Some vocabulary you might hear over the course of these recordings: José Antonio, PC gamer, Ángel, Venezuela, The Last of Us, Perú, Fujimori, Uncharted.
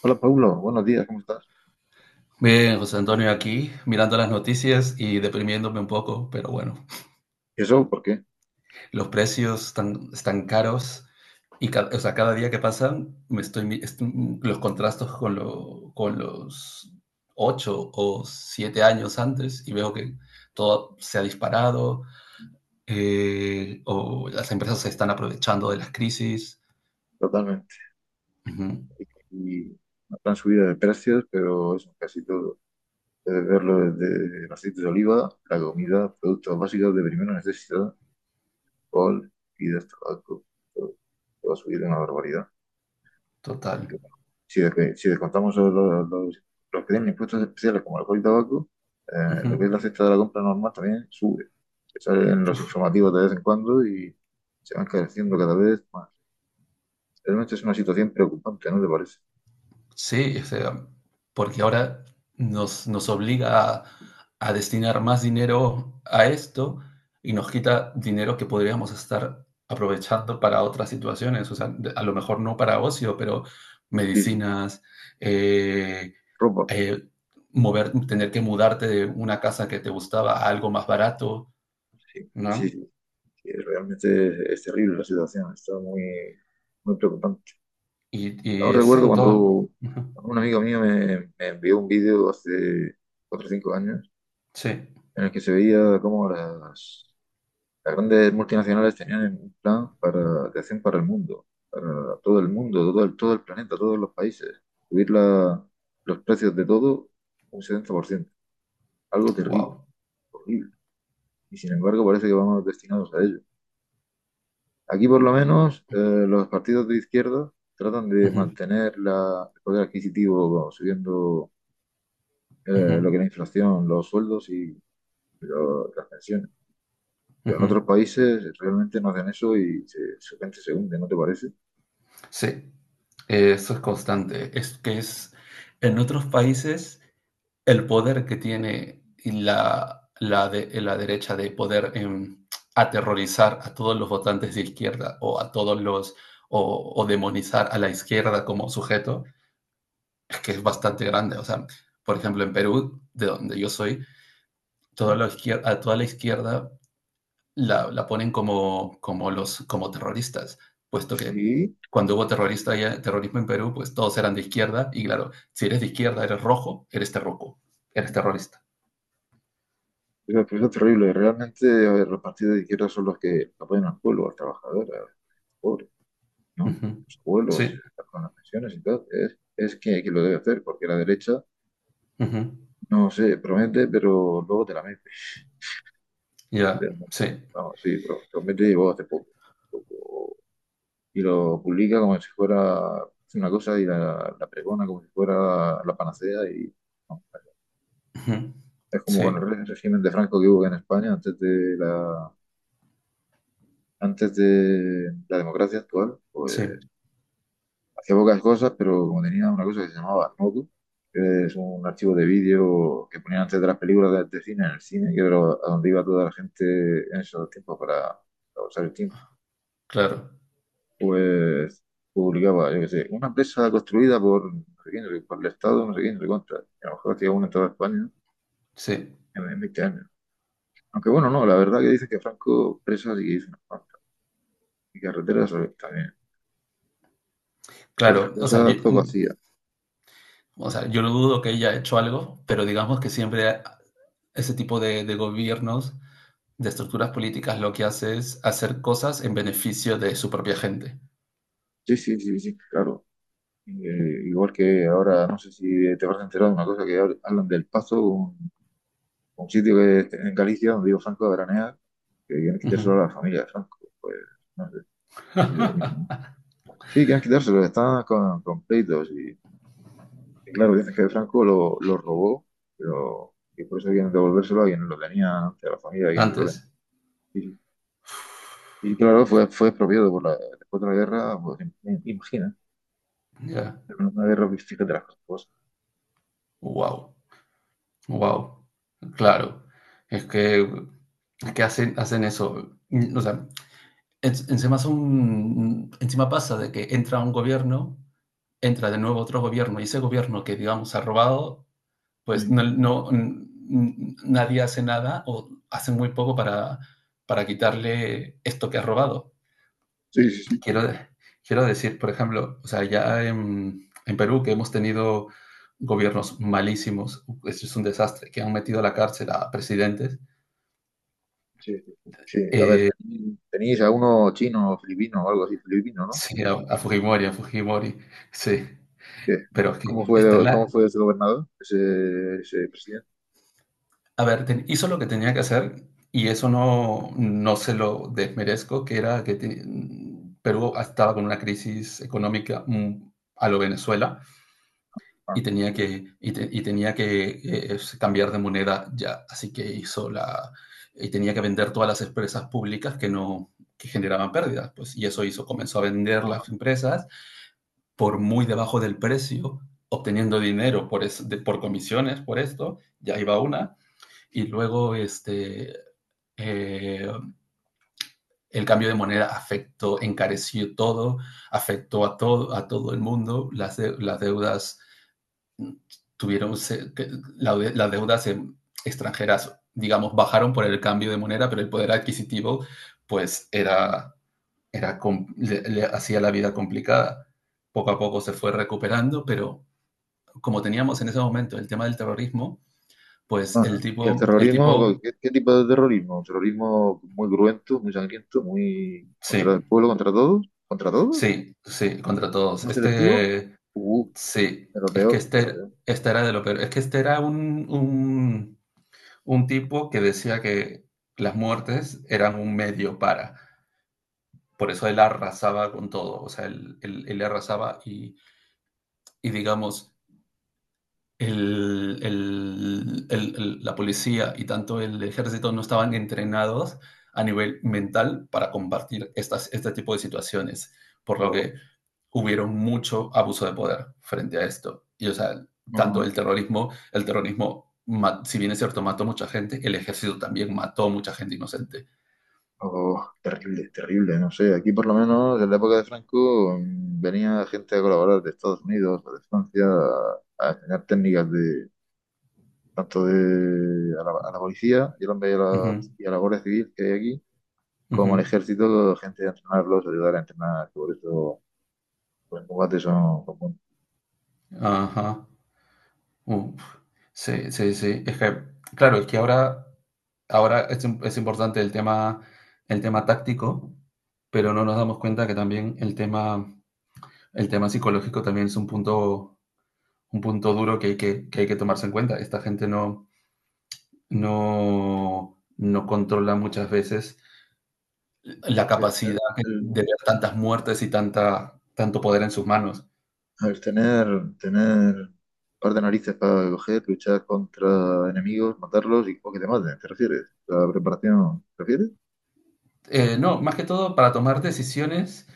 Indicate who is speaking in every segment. Speaker 1: Hola Paulo, buenos días, ¿cómo estás?
Speaker 2: Bien, José Antonio, aquí mirando las noticias y deprimiéndome un poco, pero bueno,
Speaker 1: ¿Y eso? ¿Por qué?
Speaker 2: los precios están caros y o sea, cada día que pasan me estoy, los contrastos con los 8 o 7 años antes y veo que todo se ha disparado o las empresas se están aprovechando de las crisis.
Speaker 1: Totalmente.
Speaker 2: Ujú,
Speaker 1: Y una gran subida de precios, pero eso, casi todo. Puedes verlo desde el aceite de oliva, la comida, productos básicos de primera necesidad, alcohol, bebidas, tabaco, todo, todo ha subido una barbaridad.
Speaker 2: total.
Speaker 1: Que bueno. Si, si descontamos los que tienen impuestos especiales como alcohol y tabaco,
Speaker 2: Ujú.
Speaker 1: lo que es la cesta de la compra normal también sube. Salen los informativos de vez en cuando y se van encareciendo cada vez más. Realmente es una situación preocupante, ¿no te parece?
Speaker 2: Sí, o sea, porque ahora nos obliga a destinar más dinero a esto y nos quita dinero que podríamos estar aprovechando para otras situaciones, o sea, a lo mejor no para ocio, pero
Speaker 1: Sí, sí,
Speaker 2: medicinas, eh,
Speaker 1: ropa,
Speaker 2: eh, mover, tener que mudarte de una casa que te gustaba a algo más barato,
Speaker 1: sí, sí,
Speaker 2: ¿no?
Speaker 1: sí, sí. Realmente es terrible la situación. Está muy, muy preocupante.
Speaker 2: Y,
Speaker 1: Aún
Speaker 2: y es
Speaker 1: recuerdo
Speaker 2: en
Speaker 1: cuando
Speaker 2: todo. Ujú.
Speaker 1: un amigo mío me envió un vídeo hace 4 o 5 años,
Speaker 2: Sí,
Speaker 1: en el que se veía cómo las grandes multinacionales tenían un plan para de acción para el mundo, para todo el mundo, todo el planeta, todos los países, subir los precios de todo un 70%. Algo terrible.
Speaker 2: wow.
Speaker 1: Horrible. Y sin embargo parece que vamos destinados a ello. Aquí por lo menos los partidos de izquierda tratan de
Speaker 2: Ujú,
Speaker 1: mantener el poder adquisitivo, bueno, subiendo lo
Speaker 2: ujú,
Speaker 1: que es la inflación, los sueldos y las pensiones. Pero en otros
Speaker 2: ujú.
Speaker 1: países realmente no hacen eso y se, su gente se hunde, ¿no te parece?
Speaker 2: Sí. Eso es constante. Es que es en otros países el poder que tiene y la derecha de poder aterrorizar a todos los votantes de izquierda o a todos los o demonizar a la izquierda como sujeto es que es bastante grande. O sea, por ejemplo, en Perú, de donde yo soy, toda
Speaker 1: Sí,
Speaker 2: la izquierda, a toda la izquierda la ponen como terroristas, puesto que
Speaker 1: sí.
Speaker 2: cuando hubo terrorismo en Perú, pues todos eran de izquierda y claro, si eres de izquierda, eres rojo, eres terroco, eres terrorista.
Speaker 1: Eso es terrible. Realmente, a ver, los partidos de izquierda son los que apoyan al pueblo, al trabajador, al pobre,
Speaker 2: Uh
Speaker 1: ¿no?
Speaker 2: -huh.
Speaker 1: Los abuelos,
Speaker 2: Sí,
Speaker 1: con las pensiones y tal. Es que lo debe hacer, porque la derecha,
Speaker 2: uh -huh.
Speaker 1: no sé, promete, pero luego te la metes.
Speaker 2: Ya, yeah.
Speaker 1: Realmente.
Speaker 2: Sí,
Speaker 1: Vamos, sí, promete llegó hace poco. Y lo publica como si fuera una cosa y la pregona como si fuera la panacea. Y no,
Speaker 2: uh -huh.
Speaker 1: es como con el
Speaker 2: Sí,
Speaker 1: régimen de Franco que hubo en España antes de la democracia actual. Pues
Speaker 2: sí,
Speaker 1: hacía pocas cosas, pero como tenía una cosa que se llamaba Arnautu, que es un archivo de vídeo que ponían antes de las películas de cine en el cine, que era a donde iba toda la gente en esos tiempos para usar el tiempo,
Speaker 2: claro,
Speaker 1: pues publicaba, yo qué sé, una empresa construida por no sé quién, no sé- por el Estado, no sé quién, no sé cuánto. Y a lo mejor hacía una en toda España
Speaker 2: sí,
Speaker 1: en 20 años. Aunque bueno, no, la verdad que dice que Franco presas y que hizo unas cuantas. Y carreteras a también. Y otras
Speaker 2: claro. O sea, yo,
Speaker 1: cosas poco hacía.
Speaker 2: o sea, yo no dudo que haya hecho algo, pero digamos que siempre ese tipo de gobiernos de estructuras políticas lo que hace es hacer cosas en beneficio de su propia gente.
Speaker 1: Sí, sí, sí, sí, claro. Igual que ahora, no sé si te vas a enterar de una cosa que hablan del Pazo, un sitio que en Galicia donde digo Franco a veranear, que tienen que quitar
Speaker 2: Ujú.
Speaker 1: solo a la familia de Franco. Pues no sé. Sí, quieren quitárselo, está con pleitos. Y claro, dicen que Franco lo robó, pero que por eso quieren devolvérselo a quien lo tenía, a la familia, a quien lo
Speaker 2: Antes,
Speaker 1: tenía. Y, y claro, fue expropiado por después de la guerra, pues imagina,
Speaker 2: ya.
Speaker 1: en una guerra, fíjate las cosas.
Speaker 2: Wow, wow. Claro. Es que, es que hacen eso. O sea, encima son, encima pasa de que entra un gobierno, entra de nuevo otro gobierno, y ese gobierno que, digamos, ha robado, pues
Speaker 1: Ujú.
Speaker 2: nadie hace nada o hace muy poco para quitarle esto que ha robado.
Speaker 1: Sí, sí, sí.
Speaker 2: Quiero, quiero decir, por ejemplo, o sea, ya en Perú que hemos tenido gobiernos malísimos, esto es un desastre, que han metido a la cárcel a presidentes,
Speaker 1: Sí, sí, sí. Sí, a ver,
Speaker 2: eh,
Speaker 1: tenéis a uno chino, filipino o algo así, filipino, ¿no?
Speaker 2: sí, a Fujimori, sí,
Speaker 1: ¿Qué?
Speaker 2: pero es
Speaker 1: ¿Cómo
Speaker 2: que está en
Speaker 1: fue,
Speaker 2: la...
Speaker 1: cómo fue ese gobernador, ese presidente?
Speaker 2: A ver, hizo lo que tenía que hacer y eso no se lo desmerezco, que Perú estaba con una crisis económica a lo Venezuela
Speaker 1: Ah,
Speaker 2: y tenía
Speaker 1: sí.
Speaker 2: que, y te- y tenía que cambiar de moneda ya. Así que y tenía que vender todas las empresas públicas que no, que generaban pérdidas, pues, y eso hizo, comenzó a vender
Speaker 1: Ah.
Speaker 2: las empresas por muy debajo del precio, obteniendo dinero por comisiones, por esto, ya iba una, y luego este, eh, el cambio de moneda afectó, encareció todo, afectó a todo el mundo, las deudas tuvieron, que la las deudas extranjeras, digamos, bajaron por el cambio de moneda, pero el poder adquisitivo, pues, era le hacía la vida complicada. Poco a poco se fue recuperando, pero como teníamos en ese momento el tema del terrorismo, pues el
Speaker 1: Ajá. ¿Y el
Speaker 2: tipo, el tipo,
Speaker 1: terrorismo? ¿Qué tipo de terrorismo? ¿Un terrorismo muy cruento, muy sangriento, muy contra el
Speaker 2: sí,
Speaker 1: pueblo, contra todos? ¿Contra todos?
Speaker 2: sí, sí, contra todos.
Speaker 1: ¿No selectivo?
Speaker 2: Este,
Speaker 1: Uh,
Speaker 2: sí,
Speaker 1: de lo
Speaker 2: es que
Speaker 1: peor, de lo
Speaker 2: este,
Speaker 1: peor.
Speaker 2: este era de lo peor, es que este era un tipo que decía que las muertes eran un medio para. Por eso él arrasaba con todo, o sea, él arrasaba y, digamos, la policía y tanto el ejército no estaban entrenados a nivel mental para combatir este tipo de situaciones, por lo
Speaker 1: Oh,
Speaker 2: que hubieron mucho abuso de poder frente a esto. Y o sea, tanto
Speaker 1: ajá.
Speaker 2: el terrorismo, si bien es cierto, mató mucha gente, el ejército también mató mucha gente inocente.
Speaker 1: Oh, terrible, terrible, no sé. Aquí por lo menos en la época de Franco venía gente a colaborar de Estados Unidos o de Francia a enseñar técnicas de tanto de a la policía y a
Speaker 2: Ujú,
Speaker 1: la, y a la Guardia Civil que hay aquí, como al
Speaker 2: ujú.
Speaker 1: ejército, gente a entrenarlos, ayudar a entrenar, por eso. Los juguetes son como
Speaker 2: Ajá. Uh, sí, sí, sí. Es que, claro, es que ahora es importante el tema táctico, pero no nos damos cuenta que también el tema psicológico también es un punto, duro que hay que tomarse en cuenta. Esta gente no controla muchas veces la
Speaker 1: el,
Speaker 2: capacidad de
Speaker 1: el-
Speaker 2: ver tantas muertes y tanto poder en sus manos.
Speaker 1: el tener un par de narices para coger, luchar contra enemigos, matarlos y o que te maten, ¿te refieres? ¿La preparación, te refieres?
Speaker 2: No, más que todo para tomar decisiones.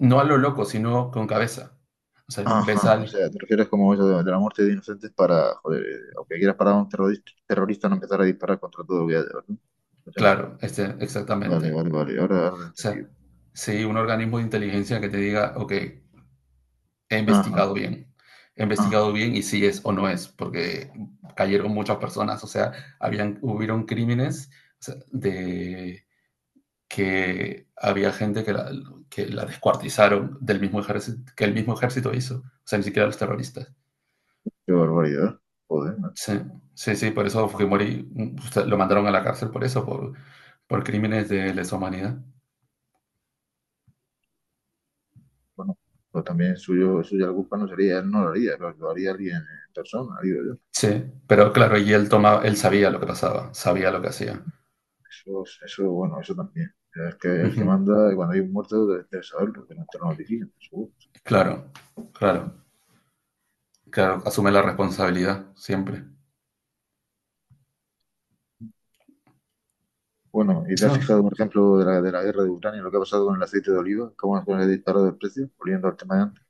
Speaker 2: No a lo loco, sino con cabeza. O sea, ves
Speaker 1: Ajá, o
Speaker 2: al...
Speaker 1: sea, te refieres como eso de la muerte de inocentes para, joder, aunque quieras parar a un terrorista, terrorista no empezar a disparar contra todo lo que haya, ¿verdad? Por ejemplo.
Speaker 2: Claro,
Speaker 1: Vale,
Speaker 2: exactamente.
Speaker 1: vale, vale, ahora, ahora lo he
Speaker 2: O sea,
Speaker 1: entendido.
Speaker 2: sí, un organismo de inteligencia que te diga, ok, he
Speaker 1: Ajá,
Speaker 2: investigado bien. He
Speaker 1: ajá,
Speaker 2: investigado bien y si es o no es, porque cayeron muchas personas. O sea, hubieron crímenes, o sea, de que había gente que la descuartizaron del mismo ejército, que el mismo ejército hizo. O sea, ni siquiera los terroristas.
Speaker 1: qué barbaridad. Joder, macho.
Speaker 2: Sí, sí, sí, por eso Fujimori lo mandaron a la cárcel por eso, por crímenes de lesa humanidad.
Speaker 1: Bueno, pues también suyo, suya la culpa no sería, él no lo haría, lo haría alguien en persona, digo yo.
Speaker 2: Sí, pero claro, y él tomaba, él sabía lo que pasaba, sabía lo que hacía.
Speaker 1: Eso, es- eso, bueno, eso también. Es que el
Speaker 2: Ujú.
Speaker 1: que manda, y cuando hay un muerto, debe saberlo, que no te lo notifican, seguro.
Speaker 2: Claro, claro, claro, asume la responsabilidad siempre.
Speaker 1: Bueno, ¿y te has
Speaker 2: Eso,
Speaker 1: fijado, por ejemplo, de la guerra de Ucrania, lo que ha pasado con el aceite de oliva? ¿Cómo se ha disparado el precio? Volviendo al tema de antes.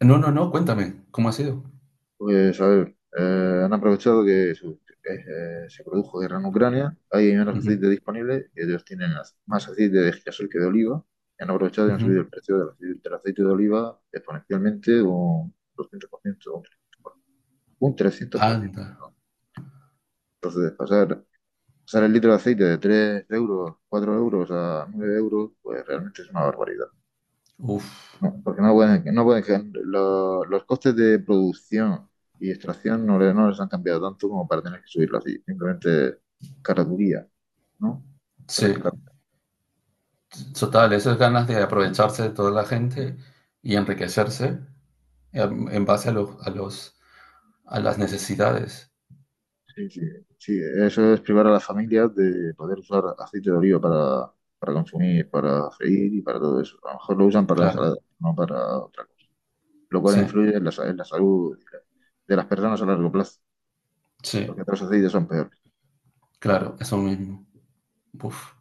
Speaker 2: no, no, no, cuéntame, ¿cómo ha sido?
Speaker 1: Pues, a ver, han aprovechado que se produjo guerra en Ucrania, hay menos
Speaker 2: Ujú,
Speaker 1: aceite disponible, y ellos tienen más aceite de girasol que de oliva, y han aprovechado y han subido
Speaker 2: ujú.
Speaker 1: el precio del aceite de oliva exponencialmente un 200%, un 300%. Un
Speaker 2: Anda,
Speaker 1: 300%. Pues de pasar, pasar el litro de aceite de 3 euros, 4 euros a 9 euros, pues realmente es una barbaridad.
Speaker 2: uff,
Speaker 1: No, porque no pueden, no pueden, los costes de producción y extracción no, no les han cambiado tanto como para tener que subirlo así, simplemente caraturía, ¿no? Eso es
Speaker 2: sí, total, esas ganas de aprovecharse de toda la gente y enriquecerse en base a las necesidades.
Speaker 1: sí, sí, sí, eso es privar a las familias de poder usar aceite de oliva para, consumir, para freír y para todo eso. A lo mejor lo usan para
Speaker 2: Claro,
Speaker 1: ensalada, no para otra cosa. Lo cual
Speaker 2: sí,
Speaker 1: influye en la salud de las personas a largo plazo,
Speaker 2: sí,
Speaker 1: porque otros aceites son peores.
Speaker 2: claro, eso mismo. Uf,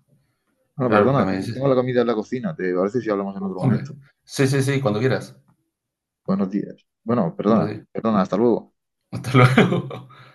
Speaker 1: Bueno,
Speaker 2: claro, porque
Speaker 1: perdona,
Speaker 2: me
Speaker 1: tengo,
Speaker 2: dices.
Speaker 1: tengo la comida en la cocina, ¿te parece si hablamos en otro
Speaker 2: Hombre,
Speaker 1: momento?
Speaker 2: sí, sí, sí, cuando quieras.
Speaker 1: Buenos días. Bueno,
Speaker 2: Bueno,
Speaker 1: perdona,
Speaker 2: sí.
Speaker 1: perdona, hasta luego.
Speaker 2: Hasta luego.